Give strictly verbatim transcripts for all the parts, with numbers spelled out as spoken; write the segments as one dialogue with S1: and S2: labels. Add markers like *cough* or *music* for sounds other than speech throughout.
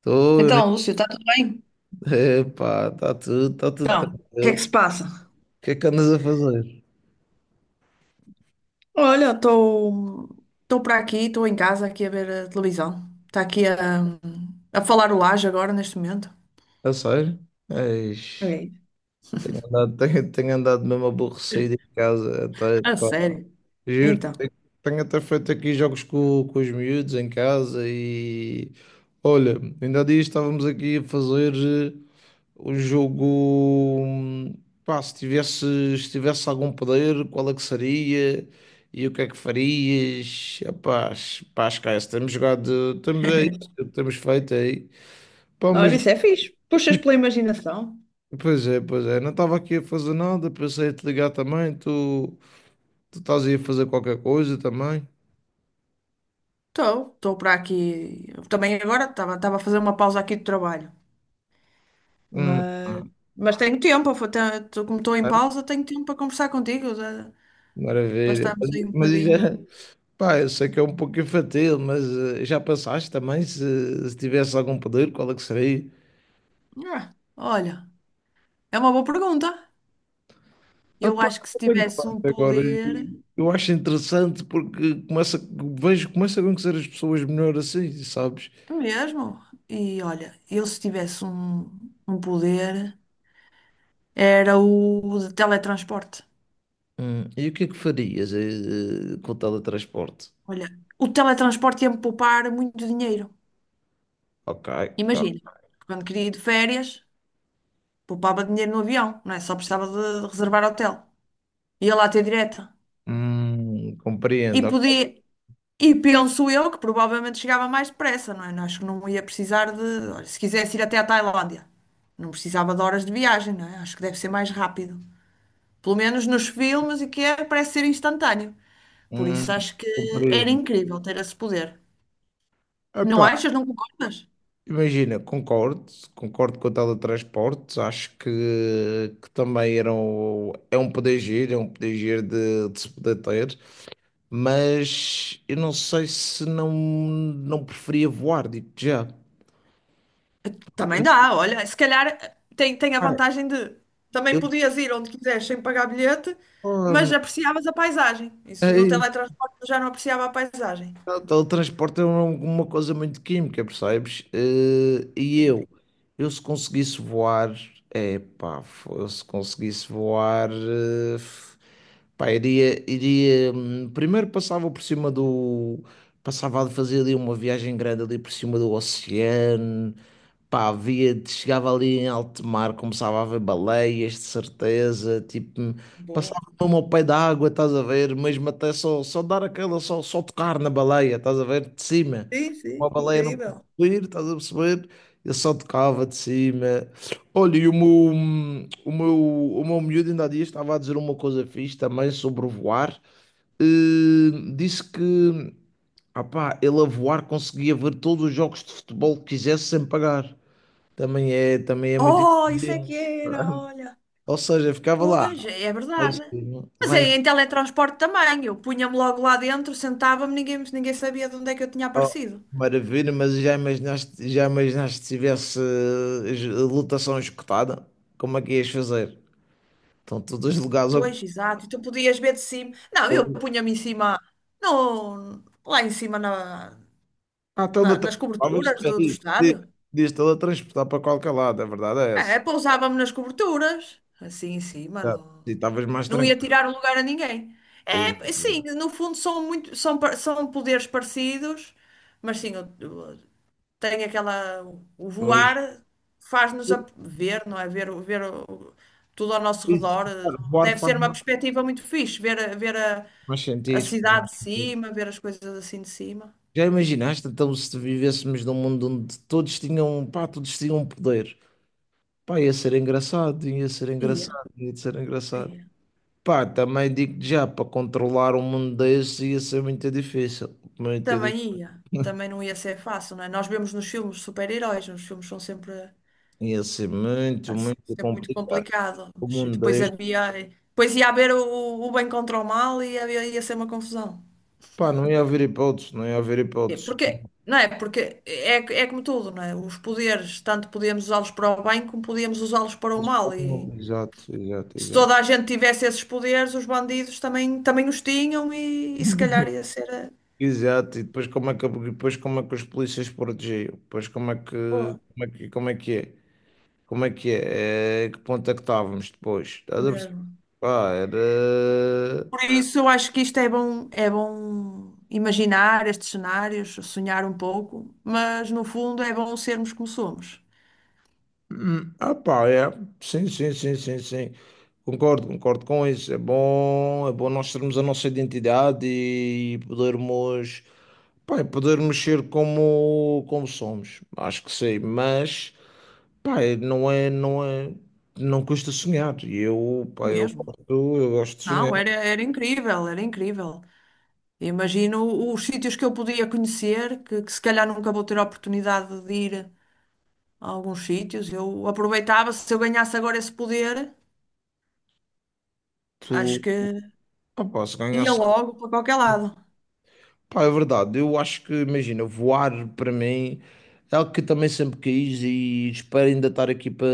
S1: Estou, né?
S2: Então, Lúcio, está tudo bem?
S1: Epá, está tudo, tá tudo
S2: Então, o que é
S1: tranquilo.
S2: que
S1: O
S2: se passa?
S1: que é que andas a fazer?
S2: Olha, estou estou para aqui, estou em casa aqui a ver a televisão. Está aqui a, a falar o Laje agora neste momento.
S1: A sério? Eis,
S2: É.
S1: tenho, andado tenho- tenho andado mesmo aborrecido em casa. Até,
S2: A
S1: pá,
S2: sério?
S1: juro,
S2: Então,
S1: tenho até feito aqui jogos com, com os miúdos em casa e. Olha, ainda há dias estávamos aqui a fazer. O jogo, hum, pá, se tivesse, se tivesse algum poder, qual é que seria? E o que é que farias? Epá, es- pá, esquece, temos jogado, temos, é isso que temos feito é aí. Pá,
S2: olha,
S1: mas,
S2: isso é fixe. Puxas
S1: *laughs*
S2: pela imaginação.
S1: pois é, pois é, não estava aqui a fazer nada, pensei em te ligar também, tu, tu estás aí a fazer qualquer coisa também.
S2: estou estou para aqui. Também agora estava estava a fazer uma pausa aqui de trabalho,
S1: Hum, ah,
S2: mas mas tenho tempo. foi- te- tô- Como estou em
S1: é?
S2: pausa, tenho tempo para conversar contigo, eh, para
S1: Maravilha.
S2: estarmos
S1: Mas,
S2: aí um
S1: mas e
S2: bocadinho.
S1: já, pá, eu sei que é um pouco infantil, mas eh, já pensaste também se, se tivesse algum poder, qual é que seria?
S2: Ah, olha, é uma boa pergunta.
S1: Ah,
S2: Eu
S1: pá,
S2: acho que se
S1: não tenho
S2: tivesse
S1: claro
S2: um
S1: agora.
S2: poder,
S1: Eu acho interessante porque começa, vejo, começo a conhecer as pessoas melhor assim, sabes?
S2: é mesmo, e olha, eu se tivesse um, um poder, era o de teletransporte.
S1: Hum, e o que é que farias eh, eh, com o teletransporte?
S2: Olha, o teletransporte ia-me poupar muito dinheiro.
S1: Ok, tá.
S2: Imagina, quando queria ir de férias, poupava dinheiro no avião, não é? Só precisava de reservar hotel. Ia lá ter direta.
S1: Hum,
S2: E
S1: compreendo, ok.
S2: podia, e penso eu que provavelmente chegava mais depressa, não é? Acho que não ia precisar de. Olha, se quisesse ir até à Tailândia, não precisava de horas de viagem, não é? Acho que deve ser mais rápido. Pelo menos nos filmes e que é, parece ser instantâneo. Por
S1: Hum,
S2: isso acho que era
S1: compreendo.
S2: incrível ter esse poder. Não
S1: Epá,
S2: achas? Não concordas?
S1: imagina, concordo, concordo com o teletransporte, acho que, que também era um, é um poder giro, é um poder giro de, de se poder ter. Mas eu não sei se não, não preferia voar, digo já.
S2: Também
S1: Porque,
S2: dá, olha, se calhar eh, tem, tem a
S1: pá,
S2: vantagem de também
S1: eu
S2: podias ir onde quiseres sem pagar bilhete, mas
S1: só-
S2: apreciavas a paisagem.
S1: é
S2: Isso no
S1: isso,
S2: teletransporte eu já não apreciava a paisagem.
S1: o teletransporte é uma, uma coisa muito química, percebes? Eh, e
S2: Sim,
S1: eu, eu se conseguisse voar, é pá, fo- se conseguisse voar, eh, f- pá, iria, iria, hum, primeiro passava por cima do, passava a fazer ali uma viagem grande ali por cima do oceano. Pá, via, chegava ali em alto mar, começava a ver baleias, de certeza, tipo,
S2: boa.
S1: passava mesmo ao pé da água, estás a ver, mesmo até só, só dar aquela, só, só tocar na baleia, estás a ver, de cima.
S2: Sim,
S1: Uma
S2: sim,
S1: baleia não pode
S2: incrível.
S1: subir, estás a perceber? Eu só tocava de cima. Olha, e o meu, o meu, o meu miúdo ainda há dias estava a dizer uma coisa fixe também sobre voar. Eh, disse que, ah pá, ele a voar conseguia ver todos os jogos de futebol que quisesse sem pagar. Também é, também é muito
S2: Oh, isso é
S1: diferente.
S2: que era, olha.
S1: Ou seja, ficava lá,
S2: Pois, é é
S1: lá em
S2: verdade.
S1: cima,
S2: Mas
S1: lá
S2: é
S1: em cima,
S2: em teletransporte também. Eu punha-me logo lá dentro, sentava-me, ninguém, ninguém sabia de onde é que eu tinha aparecido.
S1: maravilha, mas já imaginaste, já imaginaste se tivesse eh, es- lotação escutada, como é que ias fazer? Estão todos os lugares
S2: Pois, exato. E tu podias ver de cima. Não, eu
S1: ocupados.
S2: punha-me em cima, no, lá em cima na,
S1: Ah,
S2: na- nas
S1: teletransportavas,
S2: coberturas do, do
S1: diz, diz,
S2: estádio.
S1: diz teletransportar para qualquer lado, a verdade é
S2: É,
S1: essa.
S2: é, pousava-me nas coberturas, assim em cima.
S1: Já,
S2: Não,
S1: e estavas mais
S2: não ia
S1: tranquilo.
S2: tirar o lugar a ninguém. É, sim,
S1: Exato.
S2: no fundo são muito, são, par- são poderes parecidos, mas sim, tem aquela. O
S1: Pois,
S2: voar faz-nos a ver, não é? Ver, o- ver o- tudo ao nosso
S1: isso,
S2: redor.
S1: voar
S2: Deve
S1: faz
S2: ser uma
S1: mais,
S2: perspectiva muito fixe, ver, a- ver a,
S1: mais
S2: a
S1: sentido, faz
S2: cidade
S1: mais
S2: de
S1: sentido.
S2: cima, ver as coisas assim de cima.
S1: Já imaginaste então se vivêssemos num mundo onde todos tinham, pá, todos tinham um poder? Pá, ia ser engraçado, ia ser
S2: Ia,
S1: engraçado, ia ser engraçado.
S2: ia.
S1: Pá, também digo já, para controlar um mundo desse ia ser muito difícil, muito difícil.
S2: Também ia. Também não ia ser fácil, não é? Nós vemos nos filmes super-heróis, os filmes são sempre,
S1: Ia ser muito,
S2: assim,
S1: muito
S2: sempre muito
S1: complicado.
S2: complicados.
S1: O mundo
S2: Depois
S1: deste,
S2: havia. Depois ia haver o, o bem contra o mal e havia, ia ser uma confusão.
S1: pá, não ia haver hipótese, não ia haver
S2: É.
S1: hipótese.
S2: Porque, não é? Porque é, é como tudo, não é? Os poderes, tanto podíamos usá-los para o bem como podíamos usá-los para o
S1: Mas
S2: mal. E
S1: como- Exato, exato,
S2: se
S1: exato.
S2: toda a gente tivesse esses poderes, os bandidos também, também os tinham e, e se calhar
S1: *laughs*
S2: ia ser eh,
S1: Exato, e depois como é que, depois como é que os polícias protegiam? Depois como é que,
S2: boa
S1: como é que, como é que é? Como é que é? Eh, que ponto é que estávamos depois? Estás a perceber?
S2: mesmo.
S1: Pá, era.
S2: Por isso, eu acho que isto é bom, é bom imaginar estes cenários, sonhar um pouco, mas no fundo é bom sermos como somos.
S1: Hum, Ah, pá, é. Sim, sim, sim, sim, sim. Concordo, concordo com isso. É bom, é bom nós termos a nossa identidade e podermos, pá, e podermos ser como, como somos. Acho que sim, mas, pá, é, não é, não é, não custa sonhar. E eu, pá, eu
S2: Mesmo.
S1: gosto, eu gosto de sonhar.
S2: Não, era, era incrível, era incrível. Imagino os sítios que eu podia conhecer, que, que se calhar nunca vou ter a oportunidade de ir a alguns sítios. Eu aproveitava, se eu ganhasse agora esse poder, acho
S1: Tu,
S2: que
S1: ah, pá, se
S2: ia
S1: ganhasse.
S2: logo para qualquer lado.
S1: Pá, é verdade. Eu acho que, imagina, voar para mim é algo que também sempre quis e espero ainda estar aqui para,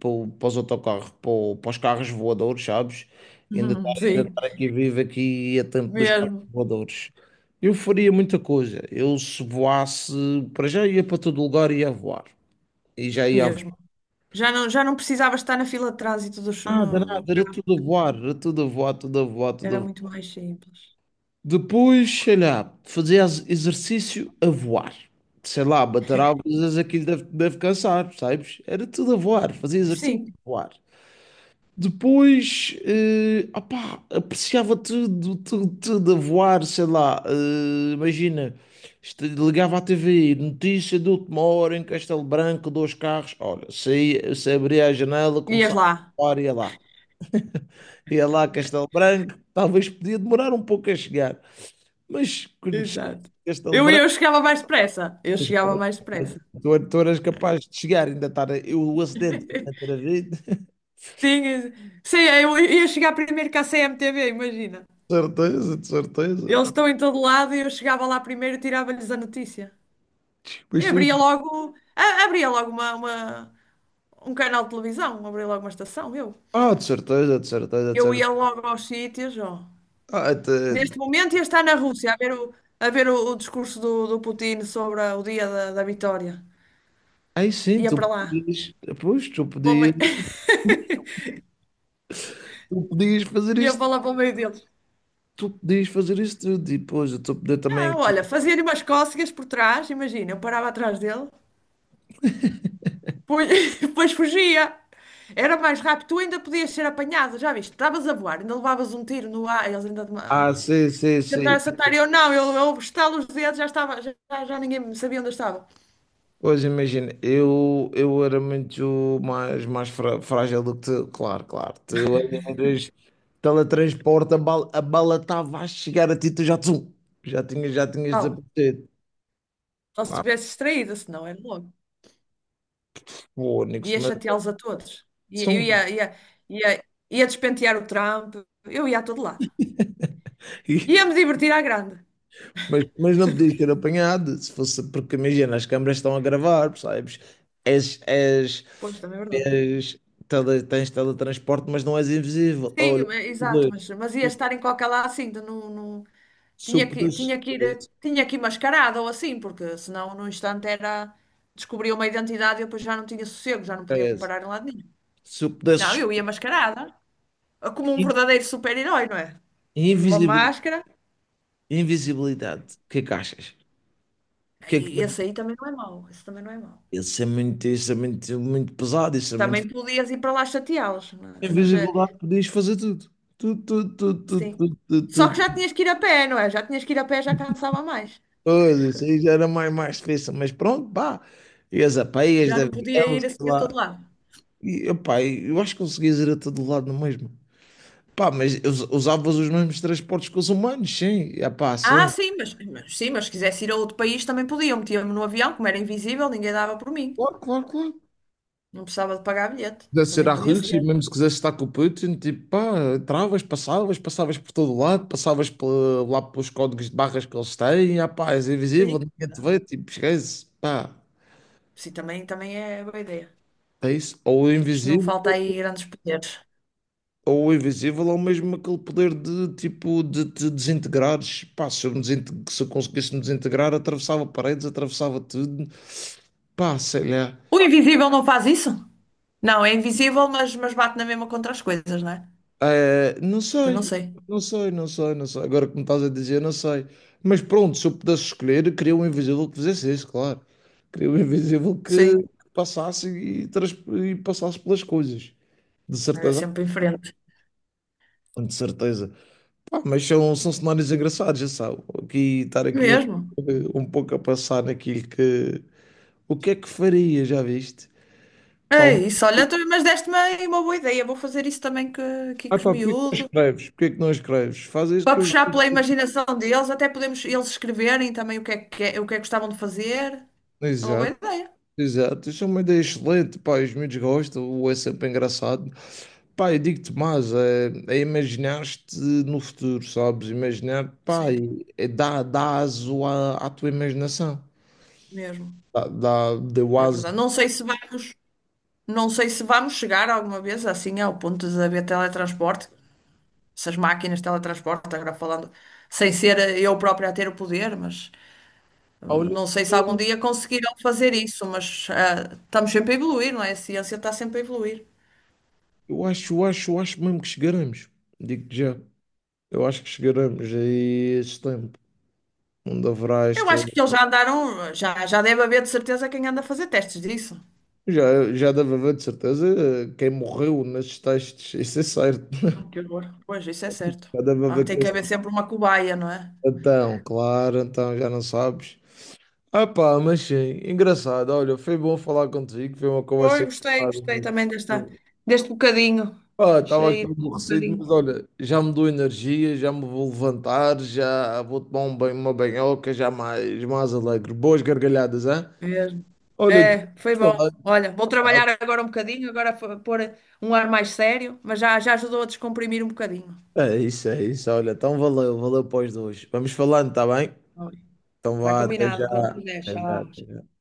S1: para, o- para os autocarros, para, o- para os carros voadores, sabes? Ainda estar,
S2: *laughs*
S1: ainda
S2: Sim,
S1: estar aqui vivo aqui a tempo dos carros
S2: mesmo,
S1: voadores. Eu faria muita coisa. Eu se voasse, para já ia para todo lugar e ia voar. E já ia a voar.
S2: mesmo. Já não, já não precisava estar na fila de trânsito dos,
S1: Nada,
S2: no, no
S1: nada, era
S2: carro,
S1: tudo a voar, era tudo a voar, tudo a voar, tudo a
S2: era
S1: voar.
S2: muito mais simples.
S1: Depois, sei lá, fazer ex- exercício a voar. Sei lá, bater asas, aquilo deve, deve cansar, sabes? Era tudo a voar, fazia exercício
S2: Sim,
S1: a voar. Depois, eh, opá, apreciava tudo, tudo, tudo a voar, sei lá, eh, imagina, isto- ligava à T V, notícia de última hora em Castelo Branco, dois carros, olha, saía, se abria a janela,
S2: ias
S1: começava
S2: lá.
S1: a voar, ia lá. Ia lá a Castelo Branco, talvez podia demorar um pouco a chegar. Mas quando chegaste
S2: Exato.
S1: a esta
S2: Eu,
S1: lembrança,
S2: eu chegava mais depressa. Eu chegava mais depressa.
S1: tu eras capaz de chegar, ainda estar eu, o acidente, ainda ter
S2: *laughs*
S1: havido. *laughs*
S2: Sim, eu- sei, eu ia chegar primeiro que a C M T V, imagina.
S1: De certeza, de certeza.
S2: Eles estão em todo lado e eu chegava lá primeiro e tirava-lhes a notícia. E
S1: Mas tu,
S2: abria logo, a- abria logo uma, uma- um canal de televisão, abria logo uma estação, eu.
S1: ah, de certeza, de certeza, de
S2: Eu ia
S1: certeza.
S2: logo aos sítios, ó.
S1: Ah, até...
S2: Neste momento ia estar na Rússia a ver o, a ver o, o discurso do, do Putin sobre a- o dia da, da vitória.
S1: Aí sim,
S2: Ia
S1: tu
S2: para lá.
S1: podias, pois, tu
S2: Para o
S1: podias,
S2: meio- *laughs*
S1: tu podias fazer
S2: Ia
S1: isto,
S2: para lá para o meio deles.
S1: tu podias fazer isto tudo, e depois eu estou a poder também.
S2: Ah, olha, fazia-lhe umas cócegas por trás, imagina, eu parava atrás dele. Pois, *laughs* pois fugia. Era mais rápido. Tu ainda podias ser apanhado, já viste? Estavas a voar, ainda levavas um tiro no ar. Eles ainda te
S1: Ah, sim, sim, sim.
S2: tentaram acertar. Eu não, eu, eu estalo os dedos, já estava, já, já já ninguém me sabia onde eu estava.
S1: Pois imagina, eu, eu era muito mais, mais frá- frágil do que tu, claro, claro. Tu eras teletransporte, a bala, a bala estava a chegar a ti, tu já, tsum, já tinhas, já tinhas
S2: Não,
S1: desaparecido.
S2: só se
S1: Ah,
S2: tivesse distraída, senão era logo.
S1: fónix,
S2: Ia
S1: mas,
S2: chateá-los a todos. Ia, eu
S1: são-
S2: ia, ia,
S1: *laughs*
S2: ia, ia despentear o Trump. Eu ia a todo lado.
S1: e-
S2: Ia-me divertir à grande.
S1: mas, mas não podias ter apanhado, se fosse, porque imagina, as câmaras estão a gravar, percebes? És, és,
S2: Pois, também é verdade.
S1: és, tele, tens teletransporte, mas não és invisível.
S2: Sim,
S1: Olha,
S2: mas-
S1: o
S2: exato, mas,
S1: poder,
S2: mas ia
S1: o
S2: estar em qualquer lado assim, de não, não- tinha
S1: super
S2: que, tinha que ir, tinha que ir mascarada ou assim, porque senão num instante era, descobria uma identidade e eu depois já não tinha sossego, já não podia parar em lado nenhum.
S1: se eu pudesse
S2: Não, eu
S1: escolher
S2: ia mascarada, como um verdadeiro super-herói, não é? Tens uma
S1: invisibil-
S2: máscara,
S1: invisibilidade, o que é que achas? O que é que
S2: e esse
S1: faria?
S2: aí também não é mau, esse também não é mau.
S1: Isso é muito, isso é muito, muito pesado, isso é muito.
S2: Também podias ir para lá chateá-los, não é? Mas eh,
S1: Invisibilidade podias fazer tudo. Tudo, tudo, tudo,
S2: sim.
S1: tudo, tudo,
S2: Só
S1: tudo,
S2: que já
S1: tudo.
S2: tinhas que ir a pé, não é? Já tinhas que ir a pé, já cansava mais.
S1: Pois, isso aí já era mais, mais difícil, mas pronto, pá. Ias a pé, ias
S2: Já
S1: de
S2: não podia
S1: avião,
S2: ir
S1: sei
S2: assim a todo
S1: lá.
S2: lado.
S1: E, opá, eu acho que conseguias ir a todo lado no mesmo. Pá, mas us- usavas os mesmos transportes que os humanos, sim. Ah, pá,
S2: Ah,
S1: sim.
S2: sim, mas, mas- sim, mas se quisesse ir a outro país também podia. Eu metia-me no avião, como era invisível, ninguém dava por mim.
S1: Claro, claro, claro.
S2: Não precisava de pagar bilhete.
S1: Quiser ser
S2: Também
S1: à
S2: podia
S1: Rússia,
S2: ser.
S1: mesmo se quisesse estar com o Putin, tipo, pá, entravas, passavas, passavas por todo lado, passavas pela- lá pelos códigos de barras que eles têm, ah, pá, és invisível,
S2: Sim.
S1: ninguém te
S2: Não.
S1: vê, tipo, esquece, pá,
S2: Sim, também, também é boa ideia.
S1: é isso. Ou o
S2: Isto não
S1: invisível,
S2: falta aí grandes poderes.
S1: ou o invisível, ou mesmo aquele poder de, tipo, de te desintegrares, pá, se eu, me desinte- se eu conseguisse me desintegrar, atravessava paredes, atravessava tudo, pá, sei lá.
S2: O invisível não faz isso? Não, é invisível, mas, mas bate na mesma contra as coisas, não é?
S1: Eh, não
S2: Pois não
S1: sei,
S2: sei.
S1: não sei, não sei, não sei. Agora que me estás a dizer, não sei. Mas pronto, se eu pudesse escolher, queria um invisível que fizesse isso, claro. Queria um invisível que
S2: Sim,
S1: que passasse e, trans- e passasse pelas coisas. De
S2: era
S1: certeza,
S2: sempre em frente.
S1: de certeza. Pá, mas são, são cenários engraçados, já sabe. Aqui, estar aqui um,
S2: Mesmo.
S1: um pouco a passar naquilo que. O que é que faria, já viste? Pá,
S2: É
S1: um...
S2: isso, olha, tu- mas deste-me aí uma boa ideia. Vou fazer isso também que, aqui
S1: Ah,
S2: com os
S1: pá, porquê que não
S2: miúdos.
S1: escreves? Porquê que não escreves? Faz isso
S2: Para
S1: que os.
S2: puxar pela imaginação deles, até podemos eles escreverem também o que é que, é- o que é que gostavam de fazer. É uma boa
S1: Exato.
S2: ideia.
S1: Exato, isso é uma ideia excelente, pá, os miúdos gostam, ou é sempre engraçado. Pá, eu digo-te mais, é, é imaginar-te no futuro, sabes? Imaginar, pá,
S2: Sim,
S1: e- é dá, dá aso à, à tua imaginação.
S2: mesmo.
S1: Dá, dá, deu
S2: É
S1: aso.
S2: verdade. Não sei se vamos, não sei se vamos chegar alguma vez assim ao ponto de haver teletransporte. Essas máquinas de teletransporte, agora falando, sem ser eu própria a ter o poder, mas hum,
S1: Ah, olha,
S2: não sei se algum dia conseguirão fazer isso, mas ah, estamos sempre a evoluir, não é? A ciência está sempre a evoluir.
S1: eu acho, eu acho, eu acho mesmo que chegaremos. Digo-te já, eu acho que chegaremos aí a esse tempo, onde haverá
S2: Eu
S1: esta...
S2: acho que eles já andaram, já, já deve haver de certeza quem anda a fazer testes disso.
S1: Já, já deve haver, de certeza, quem morreu nestes testes, *laughs* isso é certo. *laughs*
S2: Que horror. Pois, isso é certo.
S1: Já deve
S2: Ah,
S1: haver
S2: tem
S1: quem
S2: que haver sempre uma cobaia, não é?
S1: então, claro, então já não sabes. Ah pá, mas sim, engraçado. Olha, foi bom falar contigo, foi uma
S2: Pois,
S1: conversa
S2: gostei, gostei
S1: engraçada.
S2: também desta, deste bocadinho.
S1: Ah, estava aqui
S2: Cheio de um
S1: aborrecido, mas
S2: bocadinho.
S1: olha, já me dou energia, já me vou levantar, já vou tomar um banho, uma banhoca, já mais, mais alegre. Boas gargalhadas, hein?
S2: Mesmo.
S1: Olha, vamos
S2: É, foi bom.
S1: falar,
S2: Olha, vou
S1: tá?
S2: trabalhar agora um bocadinho, agora fo- pôr um ar mais sério, mas já, já ajudou a descomprimir um bocadinho.
S1: É isso, é isso. Olha, então valeu, valeu para os dois. Vamos falando, tá bem?
S2: Ah,
S1: Então
S2: está
S1: vá, até já.
S2: combinado, quando quiser.
S1: Até já,
S2: Tchau.
S1: até já.